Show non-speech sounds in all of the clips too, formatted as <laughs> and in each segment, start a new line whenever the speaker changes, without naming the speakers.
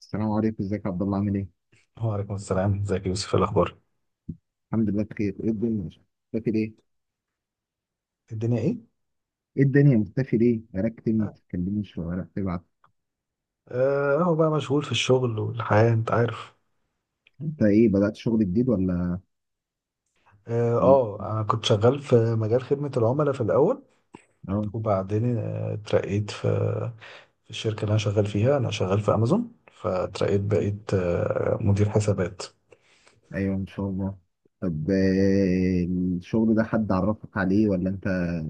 السلام عليكم، ازيك يا عبد الله؟ عامل ايه؟
وعليكم السلام، ازيك يا يوسف؟ إيه الاخبار؟
الحمد لله بخير. ايه الدنيا؟ مختفي ليه؟
الدنيا ايه.
ايه الدنيا مختفي ليه؟ بقالك كتير ما بتتكلمش ولا بتبعت.
اهو بقى مشغول في الشغل والحياة، انت عارف.
انت ايه، بدأت شغل جديد ولا ولا-
انا كنت شغال في مجال خدمة العملاء في الاول،
اه؟
وبعدين اترقيت في الشركة اللي انا شغال فيها. انا شغال في امازون، فاترقيت بقيت مدير حسابات.
ايوه، ان شاء الله. طب، الشغل ده حد عرفك عليه ولا انت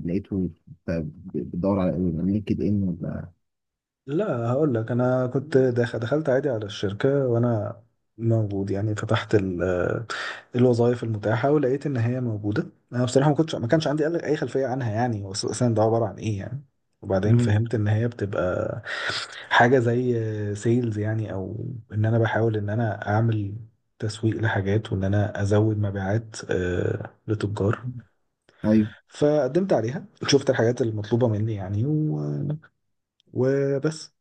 لقيته؟ انت بتدور على لينكد ان ولا؟
لا، هقول لك، انا كنت دخلت عادي على الشركه وانا موجود، يعني فتحت الوظائف المتاحه ولقيت ان هي موجوده. انا بصراحه ما كانش عندي اي خلفيه عنها، يعني هو اصلا ده عباره عن ايه يعني. وبعدين
مم.
فهمت ان هي بتبقى حاجه زي سيلز يعني، او ان انا بحاول ان انا اعمل تسويق لحاجات، وان انا ازود مبيعات لتجار.
ايوه
فقدمت عليها، شفت الحاجات المطلوبه مني يعني وبس.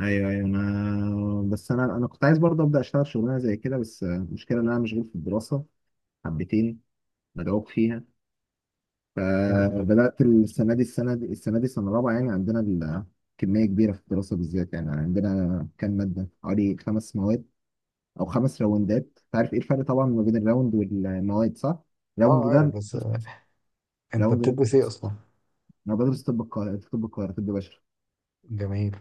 ايوه ايوه، انا بس انا كنت عايز برضه ابدا اشتغل شغلانه زي كده، بس المشكله ان انا مشغول في الدراسه حبتين، مدعوك فيها.
يعني
فبدأت السنة دي سنة رابعة، يعني عندنا كمية كبيرة في الدراسة بالذات. يعني عندنا كام مادة، حوالي خمس مواد أو خمس راوندات. أنت عارف إيه الفرق طبعا ما بين الراوند والمواد، صح؟ راوند
اه، عارف،
ده
بس انت
راوند ده
بتدرس ايه اصلا؟
أنا بدرس طب القاهرة، طب بشري.
جميل.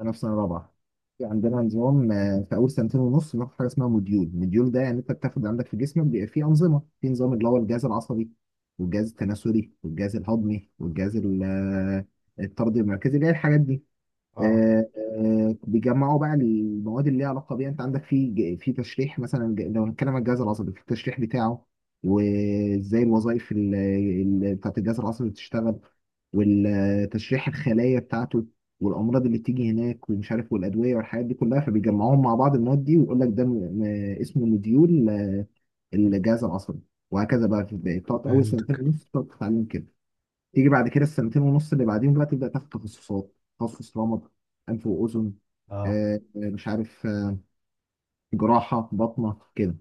انا في سنه رابعه. في عندنا نظام، في اول سنتين ونص بناخد حاجه اسمها موديول. موديول ده يعني انت بتاخد عندك في جسمك بيبقى فيه انظمه، في نظام اللي هو الجهاز العصبي والجهاز التناسلي والجهاز الهضمي والجهاز ال- آه، الطردي المركزي، اللي هي الحاجات دي.
اه،
بيجمعوا بقى المواد اللي ليها علاقه بيها. انت عندك في في تشريح مثلا، لو هنتكلم عن الجهاز العصبي، في التشريح بتاعه، وازاي الوظائف بتاعت الجهاز العصبي بتشتغل، والتشريح الخلايا بتاعته، والامراض اللي بتيجي هناك ومش عارف، والادويه والحاجات دي كلها. فبيجمعوهم مع بعض المواد دي ويقول لك ده اسمه مديول الجهاز العصبي، وهكذا بقى. في، بتقعد اول
فهمت.
سنتين ونص بتقعد تتعلم كده. تيجي بعد كده السنتين ونص اللي بعديهم بقى تبدا تاخد تخصصات: تخصص رمد، انف واذن،
اه،
مش عارف، جراحه بطنه كده.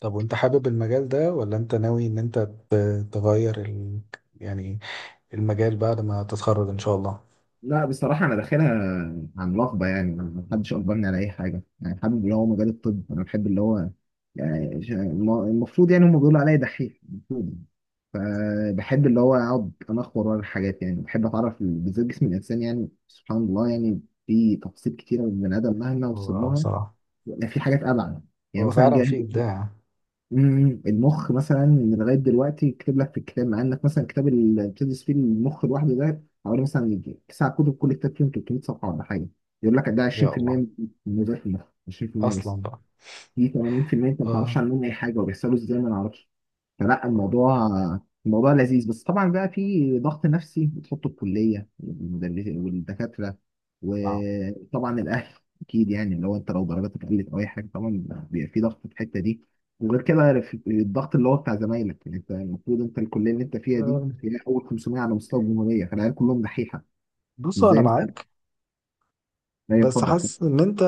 طب وانت حابب المجال ده ولا انت ناوي ان انت تغير يعني المجال بعد ما تتخرج ان شاء الله؟
لا، بصراحه انا داخلها عن رغبه، يعني ما حدش اجبرني على اي حاجه. يعني حابب اللي هو مجال الطب، انا بحب اللي هو، يعني المفروض، يعني هم بيقولوا عليا دحيح المفروض، فبحب اللي هو اقعد انخور ورا الحاجات. يعني بحب اتعرف بالذات جسم الانسان. يعني سبحان الله، يعني في تفاصيل كتيره من البني ادم مهما
هو
وصل لها،
بصراحة
يعني في حاجات ابعد. يعني
هو
مثلا
فعلا
جه،
في ابداع.
مم، المخ مثلا. من لغايه دلوقتي كتب لك في الكتاب، مع انك مثلا الكتاب اللي بتدرس فيه المخ لوحده ده حوالي مثلا يجي تسع كتب، كل كتاب فيهم 300 صفحه ولا حاجه، يقول لك ده
يا
20%
الله،
من وظائف المخ. 20% بس،
اصلا بقى.
في 80% انت ما تعرفش
اه،
عنهم اي حاجه وبيحصلوا ازاي ما نعرفش. فلا،
اه،
الموضوع لذيذ، بس طبعا بقى في ضغط نفسي بتحطه الكليه والدكاتره،
آه.
وطبعا الاهل. اكيد يعني، لو انت لو درجاتك قلت او اي حاجه طبعا بيبقى في ضغط في الحته دي. وغير كده الضغط اللي هو بتاع زمايلك، يعني انت المفروض، انت الكليه اللي انت فيها دي هي اول 500 على مستوى الجمهوريه، فالعيال كلهم دحيحه، مش
بصوا، انا
زي مثلا.
معاك،
لا،
بس
يتفضل.
حاسس ان انت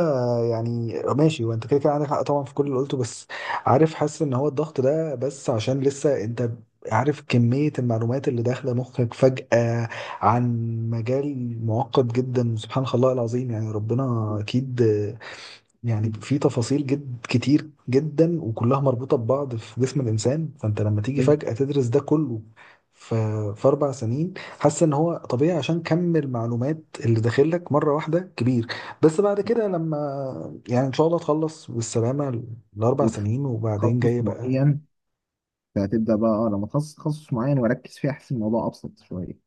يعني ماشي، وانت كده كده عندك حق طبعا في كل اللي قلته. بس، عارف، حاسس ان هو الضغط ده بس عشان لسه انت عارف كمية المعلومات اللي داخلة مخك فجأة عن مجال معقد جدا، سبحان الله العظيم، يعني ربنا
<laughs>
أكيد. يعني في تفاصيل جد كتير جدا وكلها مربوطة ببعض في جسم الإنسان. فأنت لما تيجي فجأة تدرس ده كله ف- في أربع سنين، حاسس إن هو طبيعي عشان كم المعلومات اللي داخلك مرة واحدة كبير. بس بعد كده لما يعني إن شاء الله تخلص بالسلامة الأربع سنين وبعدين
وتخصص
جاي بقى،
معين. فهتبدأ بقى، اه، لما اتخصص تخصص معين واركز فيه، احس الموضوع ابسط شوية.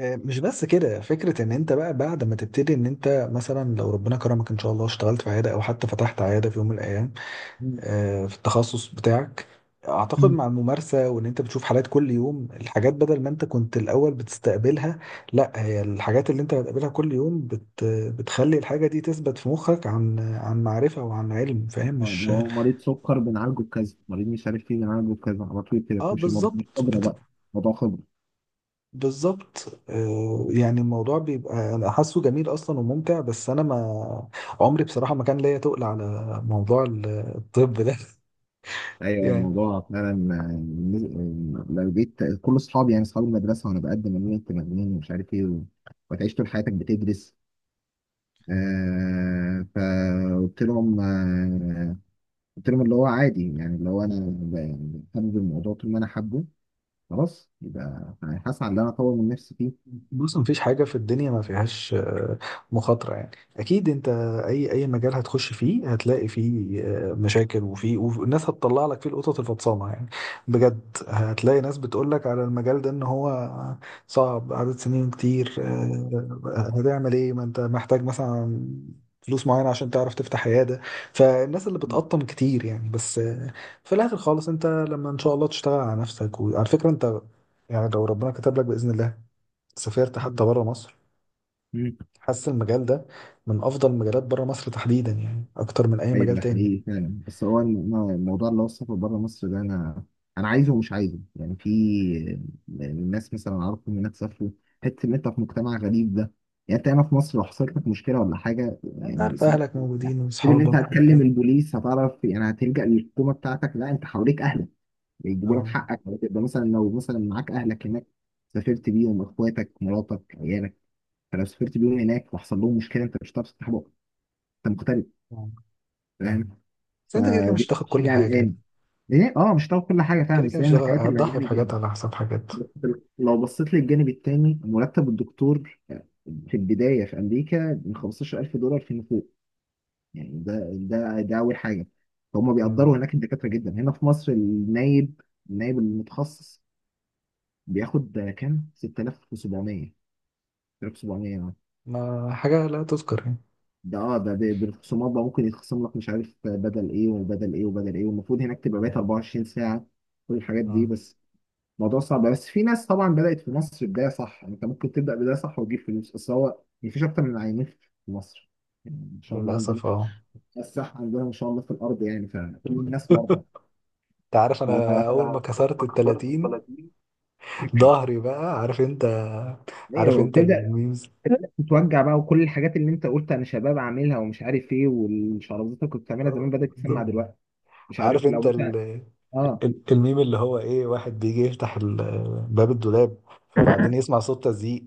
مش بس كده، فكرة إن أنت بقى بعد ما تبتدي، إن أنت مثلا لو ربنا كرمك إن شاء الله اشتغلت في عيادة أو حتى فتحت عيادة في يوم من الأيام
مم.
في التخصص بتاعك، اعتقد
مم.
مع الممارسة وان انت بتشوف حالات كل يوم، الحاجات بدل ما انت كنت الاول بتستقبلها، لا هي الحاجات اللي انت بتقابلها كل يوم بتخلي الحاجة دي تثبت في مخك عن عن معرفة وعن علم، فاهم؟
اه، اللي
مش.
هو مريض سكر بنعالجه بكذا، مريض مش عارف ايه بنعالجه بكذا، على طول كده
اه،
تمشي. الموضوع مش
بالظبط
خبرة بقى، موضوع خبرة.
بالظبط. يعني الموضوع بيبقى انا حاسه جميل اصلا وممتع، بس انا ما عمري بصراحة ما كان ليا تقل على موضوع الطب ده. <laughs>
ايوه
يعني
الموضوع فعلا، لو جيت كل اصحابي، يعني اصحاب المدرسة، وانا بقدم، ان انت مجنون ومش عارف ايه وتعيش طول حياتك بتدرس. آه، فقلت لهم، آه، قلت لهم اللي هو عادي يعني. اللي هو انا يعني حابب الموضوع، طول ما انا حابه، خلاص يبقى هسعى ان انا اطور من نفسي فيه.
بص، مفيش حاجة في الدنيا ما فيهاش مخاطرة يعني. أكيد أنت أي مجال هتخش فيه هتلاقي فيه مشاكل، وفيه والناس هتطلع لك فيه القطط الفطسانة يعني، بجد. هتلاقي ناس بتقول لك على المجال ده إن هو صعب، عدد سنين كتير، هتعمل إيه، ما أنت محتاج مثلا فلوس معينة عشان تعرف تفتح عيادة، فالناس اللي بتقطم كتير يعني. بس في الآخر خالص أنت لما إن شاء الله تشتغل على نفسك. وعلى فكرة أنت يعني لو ربنا كتب لك بإذن الله سافرت
مم.
حتى بره مصر،
مم.
حاسس المجال ده من افضل المجالات بره مصر تحديدا، يعني اكتر من اي
ايوه
مجال
ده
تاني.
حقيقي فعلا. بس هو الموضوع اللي هو السفر بره مصر ده، انا عايزه ومش عايزه. يعني في الناس مثلا اعرفهم هناك سافروا، حته ان انت في مجتمع غريب ده. يعني انت هنا في مصر لو حصلت لك مشكله ولا حاجه،
انت
يعني
عارف اهلك موجودين
سيب ان انت
واصحابك
هتكلم
وبتاع.
البوليس هتعرف، يعني هتلجأ للحكومه بتاعتك. لا، انت حواليك اهلك بيجيبوا لك
اه،
حقك. يبقى مثلا لو مثلا معاك اهلك هناك، سافرت بيهم اخواتك مراتك عيالك، فلو سافرت بيهم هناك وحصل لهم مشكله انت مش هتعرف تصلحها، انت مغترب،
آه.
فاهم.
بس انت كده كده
فدي
مش
كانت
هتاخد
حاجه
كل حاجه يعني.
قلقاني. ايه اه، مش هتعرف كل حاجه فعلا،
كده كده
بس هي
مش
من
هتاخد-
الحاجات اللي
هتضحي
قلقاني
بحاجات
جدا.
على حساب حاجات.
بس لو بصيت للجانب التاني، مرتب الدكتور في البدايه في امريكا من 15000 دولار فيما فوق، يعني ده اول حاجه. فهم
مم.
بيقدروا هناك الدكاتره جدا. هنا في مصر النايب، المتخصص بياخد كام؟ 6700. 6700.
ما حاجه لا تذكر يعني.
ده اه، ده بالخصومات بقى، ممكن يتخصم لك مش عارف بدل ايه وبدل ايه وبدل ايه. والمفروض هناك تبقى بقيت 24 ساعة، كل الحاجات دي.
مم.
بس الموضوع صعب. بس في ناس طبعا بدأت في مصر بداية صح، يعني انت ممكن تبدأ بداية صح وتجيب فلوس. بس هو يعني مفيش أكتر من عينين في مصر، يعني ان شاء الله عندنا
للاسف اه.
الصحة، عندنا ان شاء الله في الأرض، يعني فكل
<laughs>
الناس مرضى.
انت عارف،
<laughs>
انا اول ما
ف-
كسرت ال 30 ظهري بقى، عارف انت، عارف
ايوه
انت الميمز.
تبدأ تتوجع بقى، وكل الحاجات اللي انت قلت انا شباب عاملها ومش عارف ايه، والشرابات اللي كنت بتعملها
اه،
زمان بدأت تسمع
بالظبط.
دلوقتي، مش
عارف
عارف لو
انت
ممكن اه.
الميم اللي هو ايه، واحد بيجي يفتح باب الدولاب، فبعدين يسمع صوت تزييق،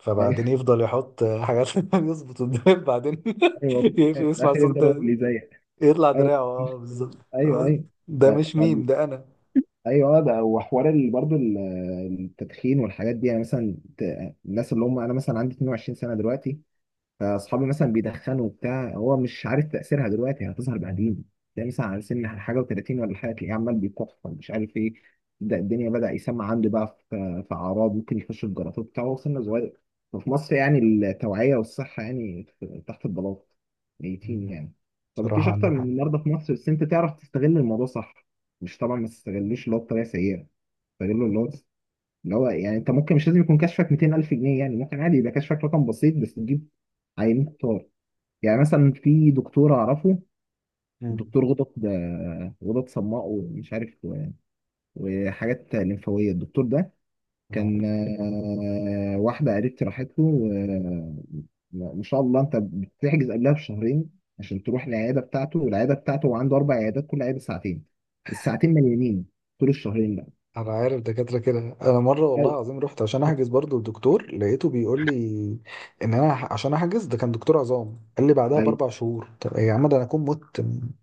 فبعدين
<laughs>
يفضل يحط حاجات <laughs> يظبط الدولاب، بعدين <laughs>
ايوه كنت
يقفل
خايف.
يسمع
اخر
صوت
يفضل هو
تزييق،
اللي زيك.
يطلع
ايوه،
دراعه.
مش-
اه، بالظبط.
ايوه
آه،
ايوه. ف-
ده مش
ف-
ميم ده انا.
ايوه، ده. وحوار برضو التدخين والحاجات دي، يعني مثلا الناس اللي هم، انا مثلا عندي 22 سنه دلوقتي، فاصحابي مثلا بيدخنوا وبتاع، هو مش عارف تاثيرها دلوقتي، يعني هتظهر بعدين. تلاقي مثلا على سن حاجه و30 ولا حاجه، تلاقيه عمال بيكح مش عارف ايه. ده الدنيا بدا يسمع عنده بقى، في اعراض، ممكن يخش في جلطات بتاعه وهو سنه صغير. ففي مصر يعني التوعيه والصحه يعني تحت البلاط، ميتين
مم.
يعني. فمفيش
صراحة
اكتر
عندك
من
حق.
النهارده في مصر، بس انت تعرف تستغل الموضوع صح. مش طبعا ما تستغلوش اللي هو بطريقه سيئه، استغله اللي هو يعني. انت ممكن مش لازم يكون كشفك 200000 جنيه، يعني ممكن عادي يبقى كشفك رقم بسيط، بس تجيب عينين كتار. يعني مثلا في دكتور اعرفه،
مم.
الدكتور غدد، صماء ومش عارف وحاجات لمفاويه. الدكتور ده
تمام.
كان، واحده قريبتي راحت له. ما شاء الله، انت بتحجز قبلها بشهرين عشان تروح العياده بتاعته. والعياده بتاعته، هو عنده اربع عيادات، كل عياده ساعتين، الساعتين مليانين طول الشهرين ده.
انا عارف دكاترة كده. انا مرة، والله
أيوة.
العظيم، رحت عشان احجز برضو الدكتور، لقيته بيقول لي ان انا عشان احجز، ده كان دكتور عظام، قال لي بعدها باربع شهور. طب يا عم، ده انا اكون مت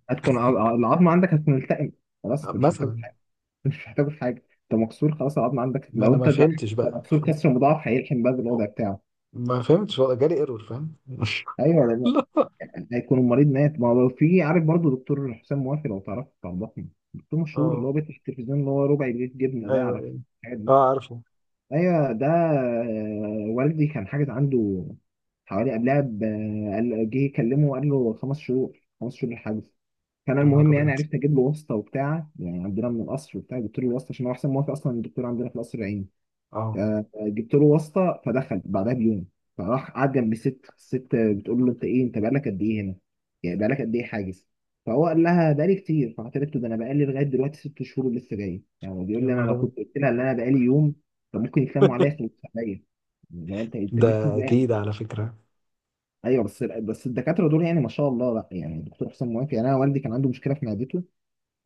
هتكون العظمه عندك هتكون التئم، خلاص انت مش محتاج
مثلا.
حاجه. انت مش محتاج في حاجه. انت مكسور خلاص، العظمه عندك
ما
لو
انا ما
انت
فهمتش
ده
بقى.
مكسور كسر مضاعف، هيلحم بقى بالوضع بتاعه.
ما فهمتش ولا جالي ايرور، فاهم؟ <laughs>
ايوه ولا لا؟
لا.
هيكون المريض مات. ما هو لو في، عارف برضو دكتور حسام موافي؟ لو تعرف بتاع الضخم، دكتور مشهور اللي
اه.
هو بيفتح التلفزيون اللي هو ربع جنيه جبنه ده،
ايوه،
عارف
ايوه.
الحاجات دي.
اه، عارفه.
ايوه، ده والدي كان حاجز عنده، حوالي قبلها جه يكلمه وقال له خمس شهور، الحجز. فانا
يا نهار
المهم يعني
ابيض.
عرفت اجيب له واسطه وبتاع، يعني عندنا من القصر وبتاع، جبت له الواسطه عشان هو احسن موافق اصلا الدكتور، عندنا في القصر العيني.
اه.
فجبت له واسطه، فدخل بعدها بيوم. فراح قعد جنب الست، الست بتقول له: انت ايه، انت بقالك قد ايه هنا؟ يعني بقالك قد ايه حاجز؟ فهو قال لها بقالي كتير. فقالت له: ده انا بقالي لغايه دلوقتي ست شهور ولسه جاي. يعني هو بيقول
يا
لي: انا
نهار
لو
ابيض.
كنت قلت لها ان انا بقالي يوم كان ممكن يتلموا عليا
<laughs>
يخلصوا عليا. لو انت جيت
ده
ازاي؟
اكيد على فكره.
ايوه، بس الدكاتره دول يعني ما شاء الله، لا يعني الدكتور حسام موافق. يعني انا والدي كان عنده مشكله في معدته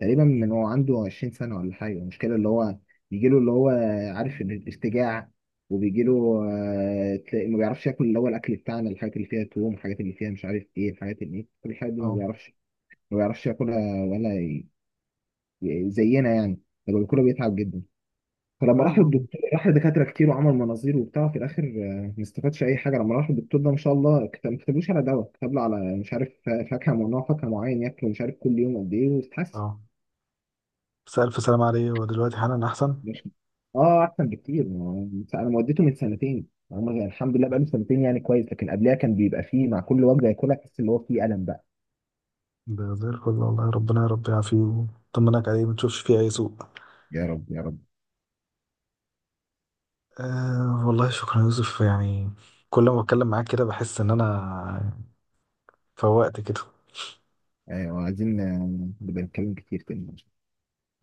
تقريبا من، هو عنده 20 سنة ولا حاجة. المشكلة اللي هو بيجي له، اللي هو، عارف إن الارتجاع، وبيجي له تلاقي ما بيعرفش ياكل، اللي هو الأكل بتاعنا، الحاجات اللي فيها توم، الحاجات اللي فيها مش عارف إيه، الحاجات اللي إيه، كل الحاجات دي ما
اه،
بيعرفش، ياكلها ولا زينا يعني. لما بياكلها بيتعب جدا. فلما راح
فاهم.
للدكتور، راح لدكاترة كتير وعمل مناظير وبتاع، في الآخر ما استفادش أي حاجة. لما راح للدكتور ده ما شاء الله كتب، ما كتبلوش على دواء، كتب له على مش عارف فاكهة ممنوع، فاكهة معين ياكله مش عارف كل يوم قد إيه،
آه.
واتحسن.
اه. بس الف سلامه عليه، ودلوقتي حالا احسن.
مش اه احسن بكتير. انا ما وديته من سنتين، هم، يعني الحمد لله بقاله سنتين يعني كويس، لكن قبلها كان بيبقى فيه مع كل وجبه ياكلها تحس اللي هو فيه الم بقى.
ده زي الفل، والله ربنا يا رب يعافيه ويطمنك عليه، ما تشوفش فيه اي سوء.
يا رب يا رب.
آه، والله شكرا يا يوسف، يعني كل ما بتكلم معاك كده بحس ان انا فوقت كده.
ايوه عايزين نبقى نتكلم كتير تاني.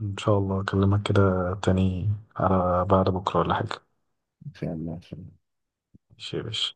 ان شاء الله اكلمك كده تاني، على بعد بكره ولا حاجه.
ان شاء الله، إن شاء الله.
ماشي يا باشا.